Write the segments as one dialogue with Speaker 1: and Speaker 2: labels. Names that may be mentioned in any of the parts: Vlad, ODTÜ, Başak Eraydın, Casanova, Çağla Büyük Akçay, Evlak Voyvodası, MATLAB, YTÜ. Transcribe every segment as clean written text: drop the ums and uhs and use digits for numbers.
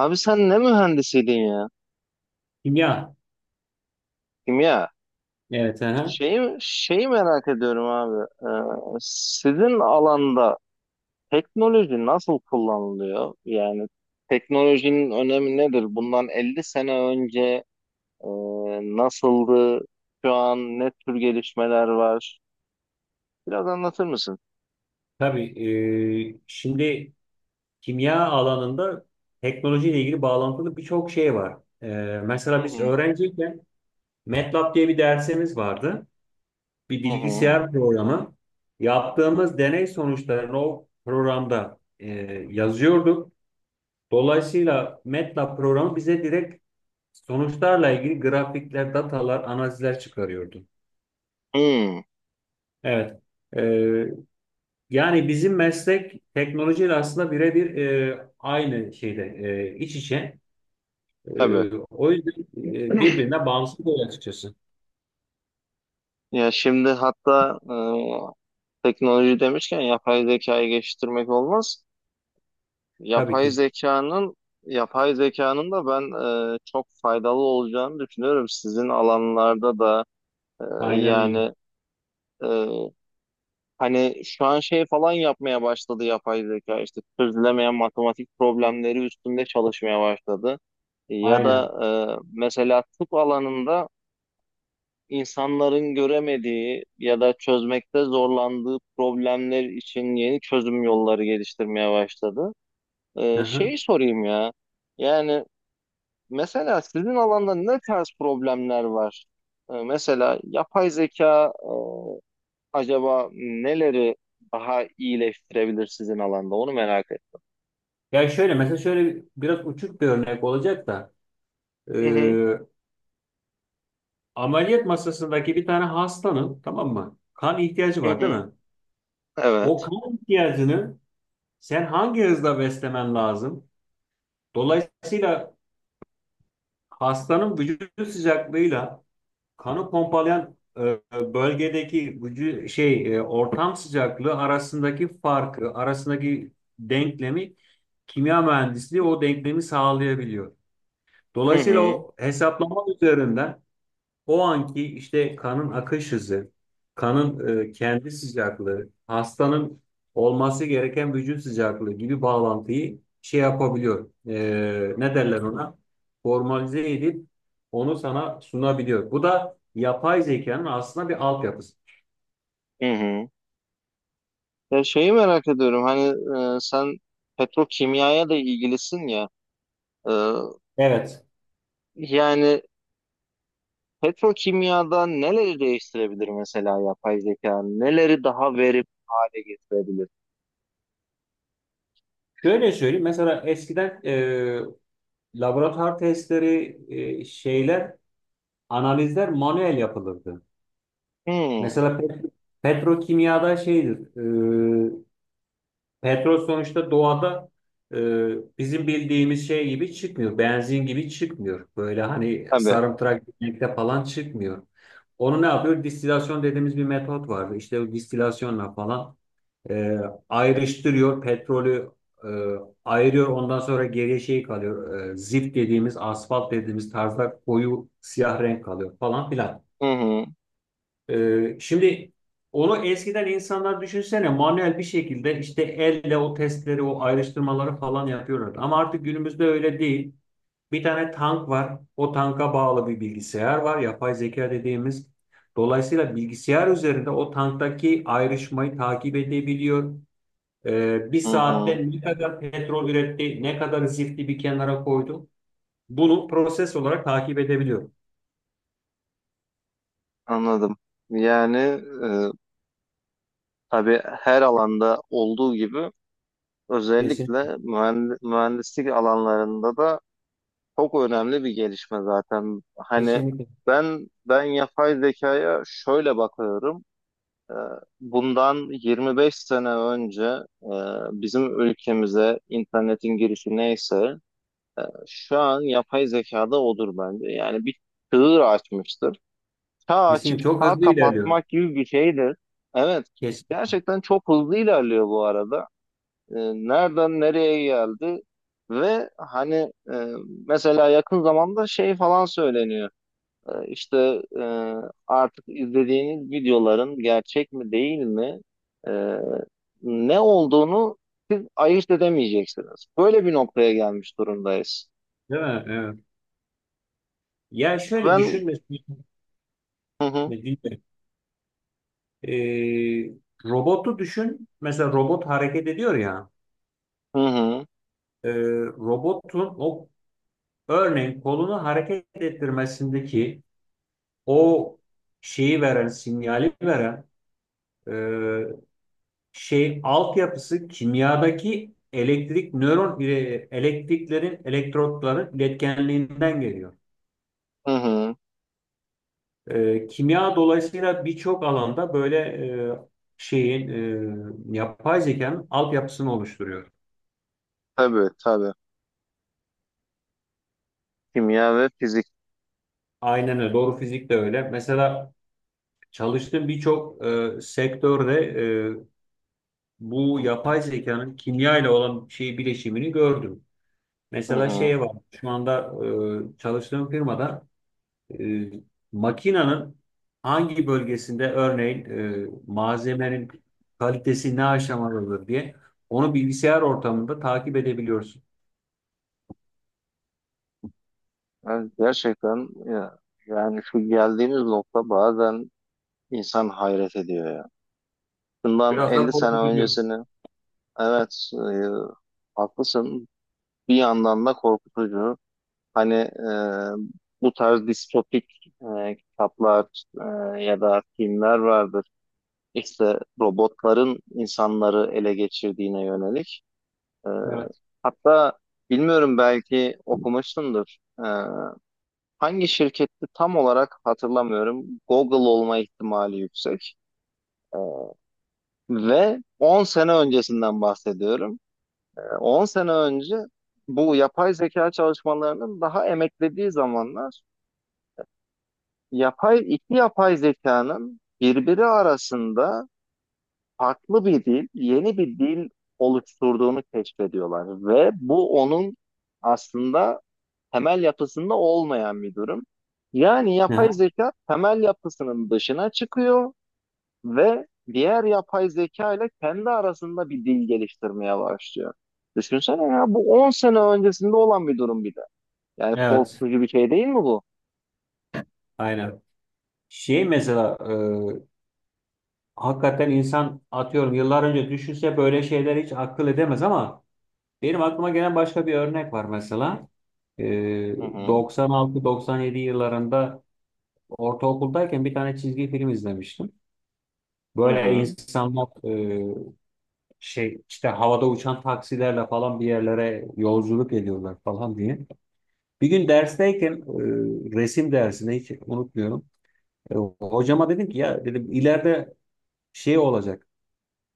Speaker 1: Abi sen ne mühendisiydin ya?
Speaker 2: Kimya.
Speaker 1: Kimya.
Speaker 2: Evet. Aha.
Speaker 1: Şeyi merak ediyorum abi. Sizin alanda teknoloji nasıl kullanılıyor? Yani teknolojinin önemi nedir? Bundan 50 sene önce e, nasıldı? Şu an ne tür gelişmeler var? Biraz anlatır mısın?
Speaker 2: Tabii. Şimdi kimya alanında teknolojiyle ilgili bağlantılı birçok şey var. E, mesela
Speaker 1: Hı
Speaker 2: biz
Speaker 1: hı.
Speaker 2: öğrenciyken MATLAB diye bir dersimiz vardı. Bir
Speaker 1: Hı hı.
Speaker 2: bilgisayar programı. Yaptığımız deney sonuçlarını o programda yazıyorduk. Dolayısıyla MATLAB programı bize direkt sonuçlarla ilgili grafikler, datalar, analizler çıkarıyordu.
Speaker 1: Hı,
Speaker 2: Evet. Yani bizim meslek teknolojiyle aslında birebir aynı şeyde iç içe.
Speaker 1: tabii.
Speaker 2: O yüzden birbirine bağımsız oluyor açıkçası.
Speaker 1: Ya şimdi hatta teknoloji demişken yapay zekayı geliştirmek olmaz.
Speaker 2: Tabii
Speaker 1: Yapay
Speaker 2: ki.
Speaker 1: zekanın yapay zekanın da ben çok faydalı olacağını düşünüyorum. Sizin alanlarda da e,
Speaker 2: Aynen öyle.
Speaker 1: yani e, hani şu an şey falan yapmaya başladı yapay zeka işte çözülemeyen matematik problemleri üstünde çalışmaya başladı. Ya da
Speaker 2: Aynen.
Speaker 1: mesela tıp alanında insanların göremediği ya da çözmekte zorlandığı problemler için yeni çözüm yolları geliştirmeye başladı.
Speaker 2: Hı
Speaker 1: E,
Speaker 2: hı.
Speaker 1: şeyi sorayım ya. Yani mesela sizin alanda ne tarz problemler var? Mesela yapay zeka acaba neleri daha iyileştirebilir sizin alanda? Onu merak ettim.
Speaker 2: Ya şöyle mesela şöyle biraz uçuk bir örnek olacak da e,
Speaker 1: Hı hı,
Speaker 2: ameliyat masasındaki bir tane hastanın, tamam mı? Kan ihtiyacı
Speaker 1: hı
Speaker 2: var, değil
Speaker 1: hı,
Speaker 2: mi? O
Speaker 1: evet.
Speaker 2: kan ihtiyacını sen hangi hızla beslemen lazım? Dolayısıyla hastanın vücut sıcaklığıyla kanı pompalayan bölgedeki ortam sıcaklığı arasındaki farkı, arasındaki denklemi, kimya mühendisliği o denklemi sağlayabiliyor.
Speaker 1: Hı
Speaker 2: Dolayısıyla
Speaker 1: hı,
Speaker 2: o hesaplama üzerinden o anki işte kanın akış hızı, kanın kendi sıcaklığı, hastanın olması gereken vücut sıcaklığı gibi bağlantıyı şey yapabiliyor. Ne derler ona? Formalize edip onu sana sunabiliyor. Bu da yapay zekanın aslında bir altyapısı.
Speaker 1: hı hı. Ya şeyi merak ediyorum hani sen petrokimyaya da ilgilisin ya. E,
Speaker 2: Evet.
Speaker 1: Yani petrokimyada neleri değiştirebilir mesela yapay zeka? Neleri daha verimli hale getirebilir?
Speaker 2: Şöyle söyleyeyim. Mesela eskiden laboratuvar testleri, şeyler, analizler manuel yapılırdı.
Speaker 1: Hı,
Speaker 2: Mesela petrokimyada şeydir. Petrol sonuçta doğada e, bizim bildiğimiz şey gibi çıkmıyor. Benzin gibi çıkmıyor. Böyle hani
Speaker 1: tabii.
Speaker 2: sarımtırak gitmekte falan çıkmıyor. Onu ne yapıyor? Distilasyon dediğimiz bir metot vardı. İşte o distilasyonla falan e, ayrıştırıyor. Petrolü e, ayırıyor. Ondan sonra geriye şey kalıyor. Zift dediğimiz, asfalt dediğimiz tarzda koyu siyah renk kalıyor falan filan.
Speaker 1: Hı hı.
Speaker 2: Şimdi onu eskiden insanlar, düşünsene, manuel bir şekilde işte elle o testleri, o ayrıştırmaları falan yapıyorlardı. Ama artık günümüzde öyle değil. Bir tane tank var. O tanka bağlı bir bilgisayar var, yapay zeka dediğimiz. Dolayısıyla bilgisayar üzerinde o tanktaki ayrışmayı takip edebiliyor. Bir
Speaker 1: Hı hı.
Speaker 2: saatte ne kadar petrol üretti, ne kadar zifti bir kenara koydu, bunu proses olarak takip edebiliyor.
Speaker 1: Anladım. Yani tabii her alanda olduğu gibi
Speaker 2: Kesin,
Speaker 1: özellikle mühendislik alanlarında da çok önemli bir gelişme zaten. Hani
Speaker 2: kesinlikle.
Speaker 1: ben yapay zekaya şöyle bakıyorum. E, bundan 25 sene önce e, bizim ülkemize internetin girişi neyse e, şu an yapay zekada odur bence. Yani bir çığır açmıştır. Çağ açıp
Speaker 2: Kesinlikle çok
Speaker 1: çağ
Speaker 2: hızlı ilerliyor.
Speaker 1: kapatmak gibi bir şeydir. Evet.
Speaker 2: Kesin.
Speaker 1: Gerçekten çok hızlı ilerliyor bu arada. Ee, Nereden nereye geldi? Ve hani e, mesela yakın zamanda şey falan söyleniyor. İşte e, artık izlediğiniz videoların gerçek mi değil mi? e, Ne olduğunu siz ayırt edemeyeceksiniz. Böyle bir noktaya gelmiş durumdayız.
Speaker 2: Değil mi? Evet. Ya şöyle
Speaker 1: Ben
Speaker 2: düşün mesela,
Speaker 1: hı hı,
Speaker 2: eee, robotu düşün. Mesela robot hareket ediyor ya.
Speaker 1: hı hı,
Speaker 2: eee, robotun o, örneğin, kolunu hareket ettirmesindeki o şeyi veren, sinyali veren eee şey altyapısı, kimyadaki elektrik, elektriklerin, elektrotların iletkenliğinden geliyor.
Speaker 1: hı hı.
Speaker 2: Kimya dolayısıyla birçok alanda böyle e, şeyin, yapay zekanın altyapısını oluşturuyor.
Speaker 1: Tabii tabii. Kimya ve fizik.
Speaker 2: Aynen öyle. Doğru, fizik de öyle. Mesela çalıştığım birçok sektörde e, bu yapay zekanın kimya ile olan şey bileşimini gördüm.
Speaker 1: Hı
Speaker 2: Mesela şey
Speaker 1: hı.
Speaker 2: var. Şu anda çalıştığım firmada E, makinenin hangi bölgesinde, örneğin, malzemenin kalitesi ne aşamadadır diye onu bilgisayar ortamında takip edebiliyorsun.
Speaker 1: Evet, gerçekten ya, yani şu geldiğimiz nokta bazen insan hayret ediyor ya. Bundan
Speaker 2: Biraz da
Speaker 1: 50 sene
Speaker 2: korkutucu.
Speaker 1: öncesini evet haklısın, bir yandan da korkutucu. Hani bu tarz distopik kitaplar ya da filmler vardır. İşte robotların insanları ele geçirdiğine yönelik. E,
Speaker 2: Evet.
Speaker 1: hatta bilmiyorum belki okumuşsundur. E, hangi şirketti tam olarak hatırlamıyorum. Google olma ihtimali yüksek. Ee, Ve 10 sene öncesinden bahsediyorum. 10 sene önce bu yapay zeka çalışmalarının daha emeklediği zamanlar iki yapay zekanın birbiri arasında farklı bir dil, yeni bir dil oluşturduğunu keşfediyorlar ve bu onun aslında temel yapısında olmayan bir durum. Yani yapay
Speaker 2: Aha.
Speaker 1: zeka temel yapısının dışına çıkıyor ve diğer yapay zeka ile kendi arasında bir dil geliştirmeye başlıyor. Düşünsene ya bu 10 sene öncesinde olan bir durum bir de. Yani
Speaker 2: Evet,
Speaker 1: korkutucu bir şey değil mi bu?
Speaker 2: aynen. Şey mesela, e, hakikaten insan, atıyorum, yıllar önce düşünse böyle şeyler hiç akıl edemez, ama benim aklıma gelen başka bir örnek var mesela. E,
Speaker 1: Hı hı.
Speaker 2: 96-97 yıllarında, ortaokuldayken, bir tane çizgi film izlemiştim.
Speaker 1: Hı
Speaker 2: Böyle
Speaker 1: hı.
Speaker 2: insanlar e, şey işte, havada uçan taksilerle falan bir yerlere yolculuk ediyorlar falan diye. Bir gün dersteyken, resim dersinde, hiç unutmuyorum, hocama dedim ki, ya dedim, ileride şey olacak,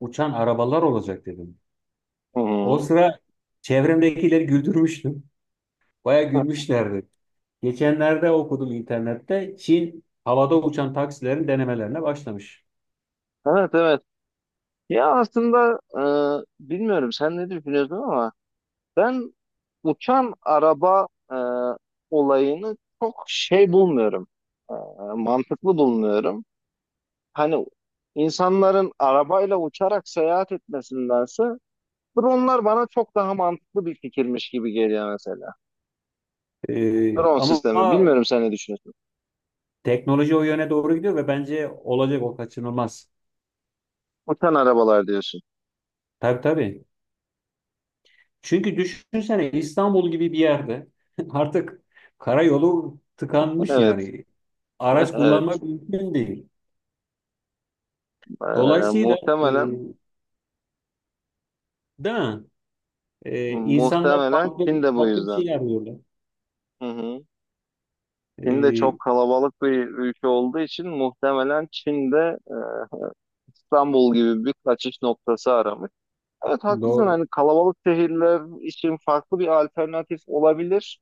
Speaker 2: uçan arabalar olacak dedim.
Speaker 1: Hı
Speaker 2: O
Speaker 1: hı.
Speaker 2: sıra çevremdekileri güldürmüştüm. Baya gülmüşlerdi. Geçenlerde okudum internette: Çin havada uçan taksilerin denemelerine başlamış.
Speaker 1: Evet evet. Ya aslında bilmiyorum sen ne düşünüyorsun ama ben uçan araba olayını çok şey bulmuyorum. E, mantıklı bulmuyorum. Hani insanların arabayla uçarak seyahat etmesindense dronlar bana çok daha mantıklı bir fikirmiş gibi geliyor mesela.
Speaker 2: E,
Speaker 1: Drone
Speaker 2: ama
Speaker 1: sistemi. Bilmiyorum sen ne düşünüyorsun.
Speaker 2: teknoloji o yöne doğru gidiyor ve bence olacak, o kaçınılmaz.
Speaker 1: Uçan arabalar diyorsun.
Speaker 2: Tabii tabii. Çünkü düşünsene, İstanbul gibi bir yerde artık karayolu tıkanmış
Speaker 1: Evet.
Speaker 2: yani. Araç
Speaker 1: Evet.
Speaker 2: kullanmak mümkün değil. Dolayısıyla, e,
Speaker 1: Muhtemelen
Speaker 2: değil mi, insanlar
Speaker 1: muhtemelen
Speaker 2: farklı
Speaker 1: Çin de bu
Speaker 2: farklı bir
Speaker 1: yüzden.
Speaker 2: şey arıyorlar.
Speaker 1: Hı hı. Çin de çok
Speaker 2: E,
Speaker 1: kalabalık bir ülke olduğu için muhtemelen Çin de İstanbul gibi bir kaçış noktası aramış. Evet haklısın,
Speaker 2: doğru.
Speaker 1: hani kalabalık şehirler için farklı bir alternatif olabilir.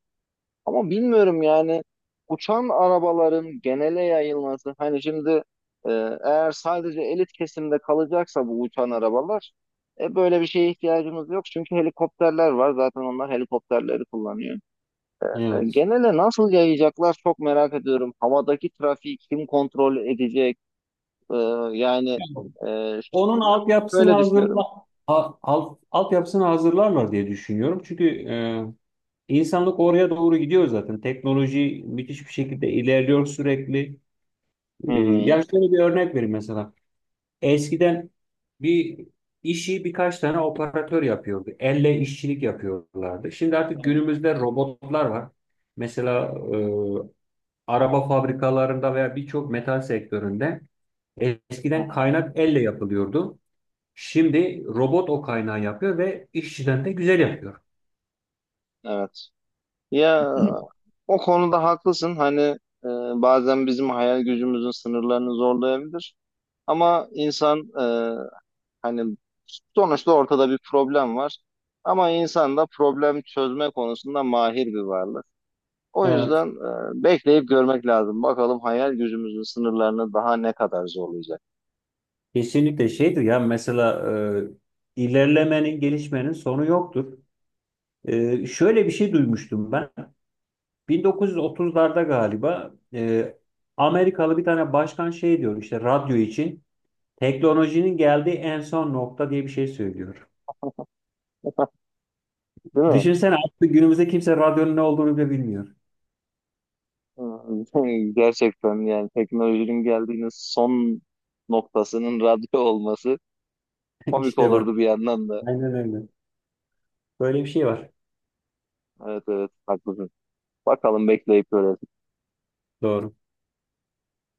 Speaker 1: Ama bilmiyorum yani uçan arabaların genele yayılması, hani şimdi e, eğer sadece elit kesimde kalacaksa bu uçan arabalar, böyle bir şeye ihtiyacımız yok. Çünkü helikopterler var zaten, onlar helikopterleri kullanıyor. E,
Speaker 2: Evet.
Speaker 1: genele nasıl yayacaklar çok merak ediyorum. Havadaki trafiği kim kontrol edecek? E, yani
Speaker 2: Yani onun
Speaker 1: ben
Speaker 2: altyapısını
Speaker 1: böyle düşünüyorum.
Speaker 2: altyapısını hazırlarlar diye düşünüyorum. Çünkü İnsanlık oraya doğru gidiyor zaten. Teknoloji müthiş bir şekilde ilerliyor sürekli.
Speaker 1: Hı
Speaker 2: Ee,
Speaker 1: hı.
Speaker 2: ya şöyle bir örnek vereyim mesela. Eskiden bir işi birkaç tane operatör yapıyordu. Elle işçilik yapıyorlardı. Şimdi artık
Speaker 1: Evet.
Speaker 2: günümüzde robotlar var. Mesela e, araba fabrikalarında veya birçok metal sektöründe
Speaker 1: Hı
Speaker 2: eskiden
Speaker 1: hı.
Speaker 2: kaynak elle yapılıyordu. Şimdi robot o kaynağı yapıyor ve işçiden de güzel yapıyor.
Speaker 1: Evet. Ya o konuda haklısın. Hani e, bazen bizim hayal gücümüzün sınırlarını zorlayabilir. Ama insan hani sonuçta ortada bir problem var. Ama insan da problem çözme konusunda mahir bir varlık. O
Speaker 2: Evet.
Speaker 1: yüzden bekleyip görmek lazım. Bakalım hayal gücümüzün sınırlarını daha ne kadar zorlayacak.
Speaker 2: Kesinlikle şeydir ya, mesela, ilerlemenin, gelişmenin sonu yoktur. Şöyle bir şey duymuştum ben. 1930'larda galiba, Amerikalı bir tane başkan şey diyor işte, radyo için "teknolojinin geldiği en son nokta" diye bir şey söylüyor.
Speaker 1: Değil mi?
Speaker 2: Düşünsene, artık günümüzde kimse radyonun ne olduğunu bile bilmiyor.
Speaker 1: Hı, gerçekten yani teknolojinin geldiğiniz son noktasının radyo olması komik
Speaker 2: İşte bak.
Speaker 1: olurdu bir yandan da.
Speaker 2: Aynen öyle. Böyle bir şey var.
Speaker 1: Evet evet haklısın. Bakalım bekleyip göreceğiz.
Speaker 2: Doğru.